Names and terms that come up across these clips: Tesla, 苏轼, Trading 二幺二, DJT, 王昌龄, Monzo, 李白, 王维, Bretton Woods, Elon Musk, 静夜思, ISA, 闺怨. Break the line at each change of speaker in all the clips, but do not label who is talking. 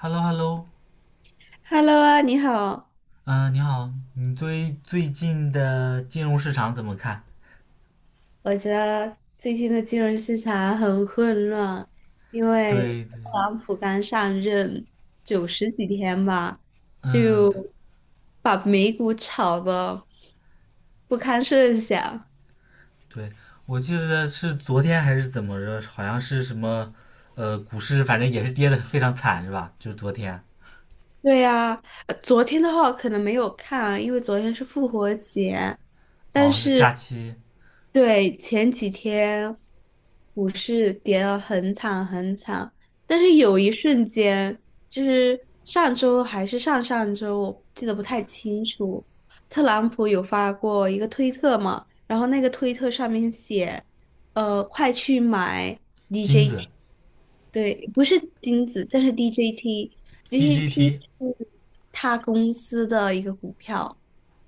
Hello Hello。
Hello 啊，你好。
你好，你对最近的金融市场怎么看？
我觉得最近的金融市场很混乱，因为
对对，
特朗普刚上任90几天吧，
嗯，
就把美股炒的不堪设想。
对，我记得是昨天还是怎么着，好像是什么，股市反正也是跌的非常惨是吧？就是昨天。
对呀，昨天的话我可能没有看啊，因为昨天是复活节，但
哦，是假
是
期。
对前几天股市跌得很惨很惨，但是有一瞬间，就是上周还是上上周，我记得不太清楚，特朗普有发过一个推特嘛，然后那个推特上面写，快去买
金子。
DJT。对，不是金子，但是 DJT，DJT
DGT。
是他公司的一个股票。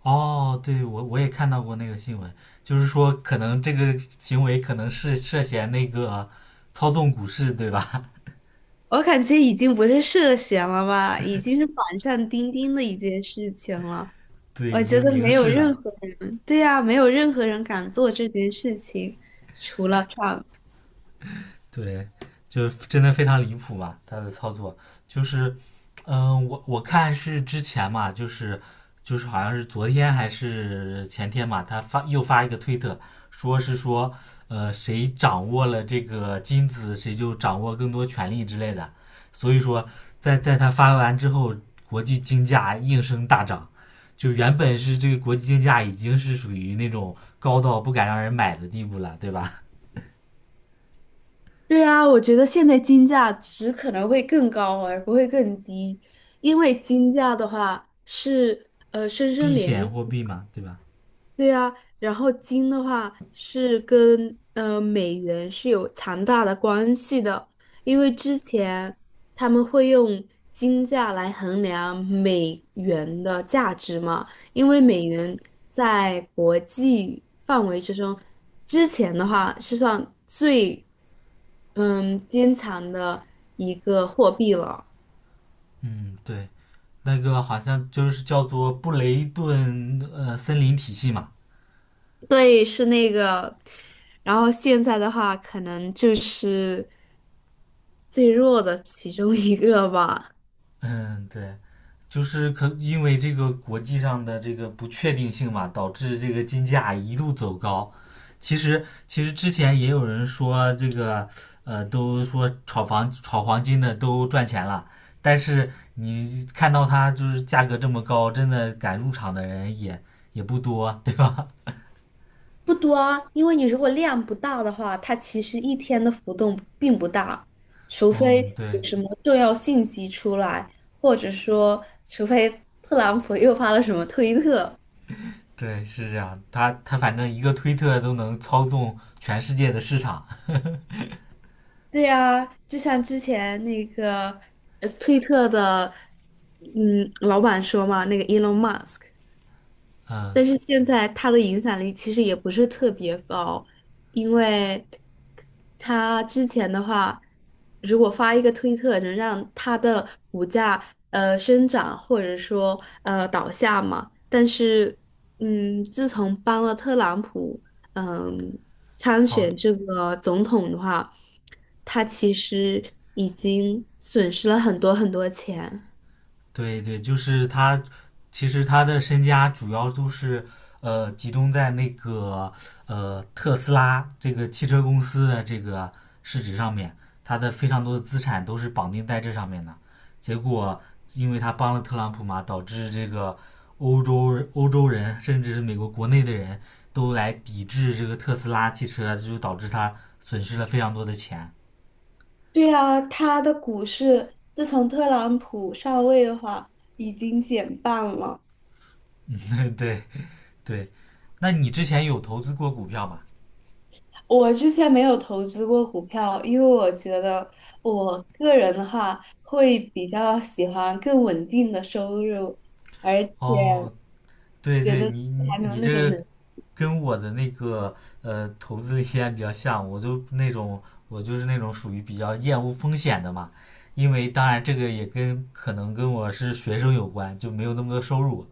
哦，对，我也看到过那个新闻，就是说可能这个行为可能是涉嫌那个操纵股市对吧？
我感觉已经不是涉嫌了吧，已经是板上钉钉的一件事情了。
对，
我
已
觉
经
得
明
没有
示
任
了。
何人，对呀，没有任何人敢做这件事情，除了 t。
对，就是真的非常离谱嘛，他的操作就是。我看是之前嘛，就是好像是昨天还是前天嘛，他发又发一个推特，说是说，谁掌握了这个金子，谁就掌握更多权力之类的，所以说在他发完之后，国际金价应声大涨。就原本是这个国际金价已经是属于那种高到不敢让人买的地步了，对吧？
对啊，我觉得现在金价只可能会更高，而不会更低，因为金价的话是深深
避
连。
险货币嘛，对吧？
对呀，然后金的话是跟美元是有强大的关系的，因为之前他们会用金价来衡量美元的价值嘛，因为美元在国际范围之中，之前的话是算最坚强的一个货币了。
嗯，对，那个好像就是叫做布雷顿森林体系嘛。
对，是那个。然后现在的话，可能就是最弱的其中一个吧。
嗯，对，就是可因为这个国际上的这个不确定性嘛，导致这个金价一路走高。其实之前也有人说这个都说炒房炒黄金的都赚钱了，但是你看到它就是价格这么高，真的敢入场的人也不多，对吧？
不多，啊，因为你如果量不大的话，它其实一天的浮动并不大，除非
嗯，
有
对。
什么重要信息出来，或者说，除非特朗普又发了什么推特。
对，是这样。他反正一个推特都能操纵全世界的市场。
对呀，就像之前那个推特的，老板说嘛，那个 Elon Musk。
嗯，
但是现在他的影响力其实也不是特别高，因为他之前的话，如果发一个推特能让他的股价生长或者说倒下嘛，但是自从帮了特朗普嗯参
哦，
选这个总统的话，他其实已经损失了很多很多钱。
对对，就是他，其实他的身家主要都是集中在那个特斯拉这个汽车公司的这个市值上面，他的非常多的资产都是绑定在这上面的。结果，因为他帮了特朗普嘛，导致这个欧洲人甚至是美国国内的人都来抵制这个特斯拉汽车啊，就导致他损失了非常多的钱。
对啊，它的股市自从特朗普上位的话，已经减半了。
对对，那你之前有投资过股票吗？
我之前没有投资过股票，因为我觉得我个人的话会比较喜欢更稳定的收入，而且
哦，对
觉
对，
得
你你
还没有
你
那种
这个
能。
跟我的那个投资的理念比较像，我就是那种属于比较厌恶风险的嘛，因为当然这个也跟可能跟我是学生有关，就没有那么多收入，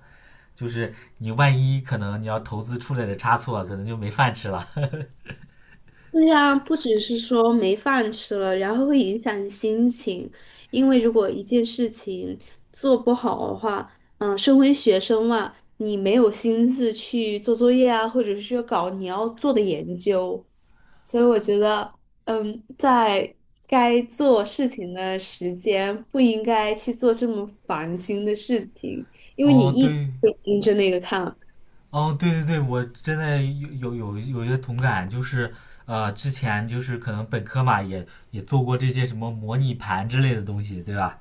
就是你万一可能你要投资出来的差错，可能就没饭吃了。
对呀，不只是说没饭吃了，然后会影响你心情，因为如果一件事情做不好的话，身为学生嘛，你没有心思去做作业啊，或者是说搞你要做的研究，所以我觉得，在该做事情的时间不应该去做这么烦心的事情，因为你
哦，
一直
对。
会盯着那个看。
哦，对对对，我真的有一些同感，就是之前就是可能本科嘛，也做过这些什么模拟盘之类的东西，对吧？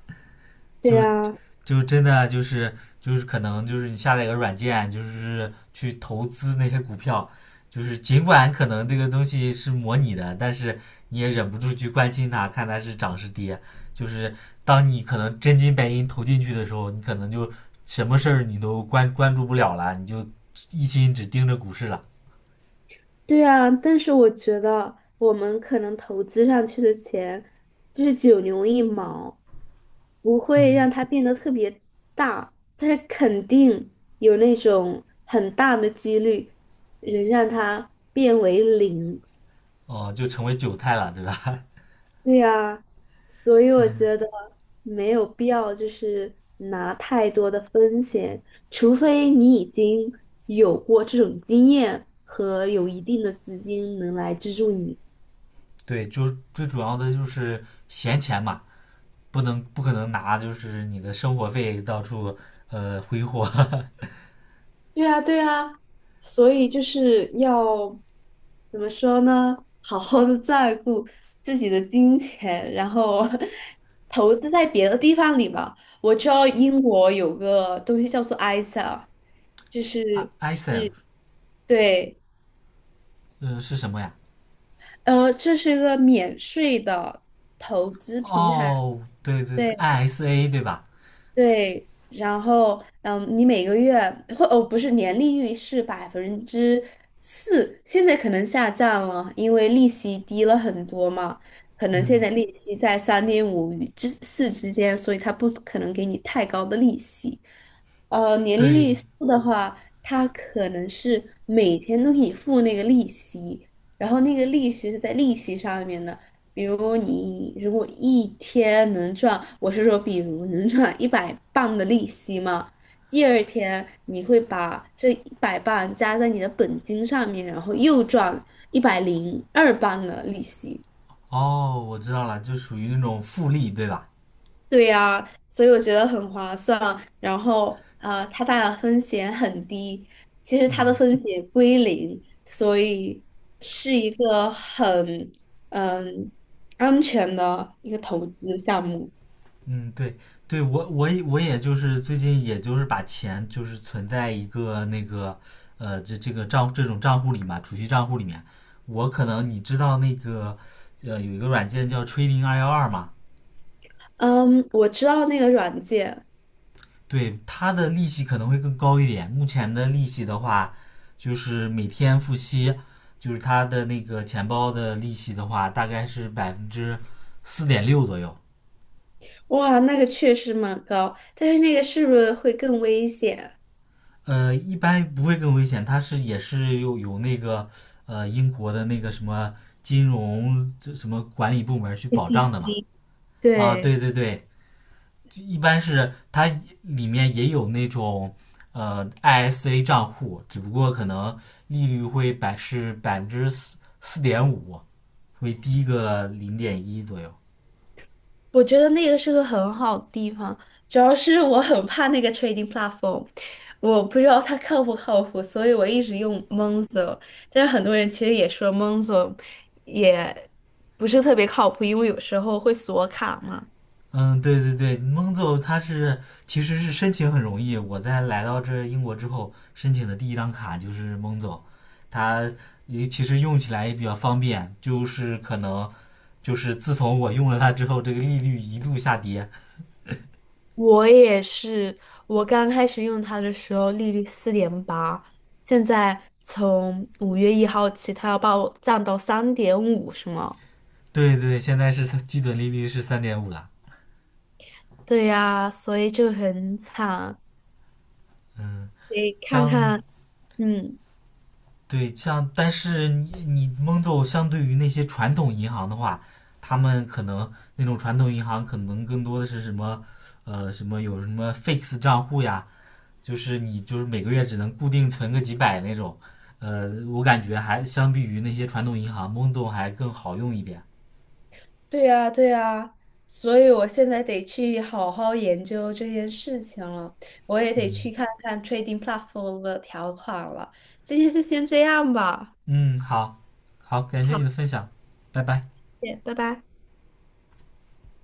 对
就是
呀。
就真的就是可能就是你下载一个软件，就是去投资那些股票，就是尽管可能这个东西是模拟的，但是你也忍不住去关心它，看它是涨是跌。就是当你可能真金白银投进去的时候，你可能就什么事儿你都关注不了了，你就一心只盯着股市了，
对啊，但是我觉得我们可能投资上去的钱就是九牛一毛，不会
嗯
让它变得特别大，但是肯定有那种很大的几率能让它变为零。
就成为韭菜了，对吧？
对啊，所以我
嗯，
觉得没有必要就是拿太多的风险，除非你已经有过这种经验和有一定的资金能来资助你。
对，就最主要的就是闲钱嘛，不能不可能拿就是你的生活费到处挥霍。
对啊，对啊，所以就是要怎么说呢？好好的照顾自己的金钱，然后 投资在别的地方里吧。我知道英国有个东西叫做 ISA，就 是
ISA
对，
是什么呀？
这是一个免税的投资平台。
哦，对对
对。
对，ISA 对吧？
对，然后你每个月或哦不是年利率是4%，现在可能下降了，因为利息低了很多嘛，可能现
嗯，
在利息在三点五与之四之间，所以他不可能给你太高的利息。年利率
对。
四的话，它可能是每天都给你付那个利息，然后那个利息是在利息上面的。比如你如果一天能赚，我是说，比如能赚一百磅的利息嘛，第二天你会把这一百磅加在你的本金上面，然后又赚102磅的利息。
哦，我知道了，就属于那种复利对吧？
对呀，所以我觉得很划算。然后，它大的风险很低，其实它的
嗯
风险归零，所以是一个很嗯安全的一个投资项目。
嗯，对对，我也就是最近也就是把钱就是存在一个那个这个这种账户里嘛，储蓄账户里面。我可能你知道那个有一个软件叫 Trading 212嘛。
嗯，我知道那个软件。
对，它的利息可能会更高一点。目前的利息的话，就是每天付息，就是它的那个钱包的利息的话，大概是4.6%左右。
哇，那个确实蛮高，但是那个是不是会更危险？
一般不会更危险，它是也是有那个英国的那个什么金融这什么管理部门去保障的嘛。啊，
对，
对对对，一般是它里面也有那种ISA 账户，只不过可能利率会百分之四点五，会低个0.1左右。
我觉得那个是个很好的地方，主要是我很怕那个 trading platform，我不知道它靠不靠谱，所以我一直用 Monzo。但是很多人其实也说 Monzo 也不是特别靠谱，因为有时候会锁卡嘛。
嗯，对对对，蒙走它是其实是申请很容易。我在来到这英国之后，申请的第一张卡就是蒙走，它也其实用起来也比较方便，就是可能就是自从我用了它之后，这个利率一路下跌。
我也是，我刚开始用它的时候利率4.8，现在从5月1号起，它要把我降到三点五，是吗？
对对，现在是基准利率是3.5了。
对呀，所以就很惨。
嗯，
得看
相
看，嗯，
对像，但是你蒙总相对于那些传统银行的话，他们可能那种传统银行可能更多的是什么，什么有什么 fix 账户呀，就是你就是每个月只能固定存个几百那种。我感觉还相比于那些传统银行，蒙总还更好用一点。
对呀，对呀，所以我现在得去好好研究这件事情了，我也得
嗯
去看看 trading platform 的条款了。今天就先这样吧，
嗯，好，好，感谢
好，
你的分享，拜拜。
谢谢，拜拜。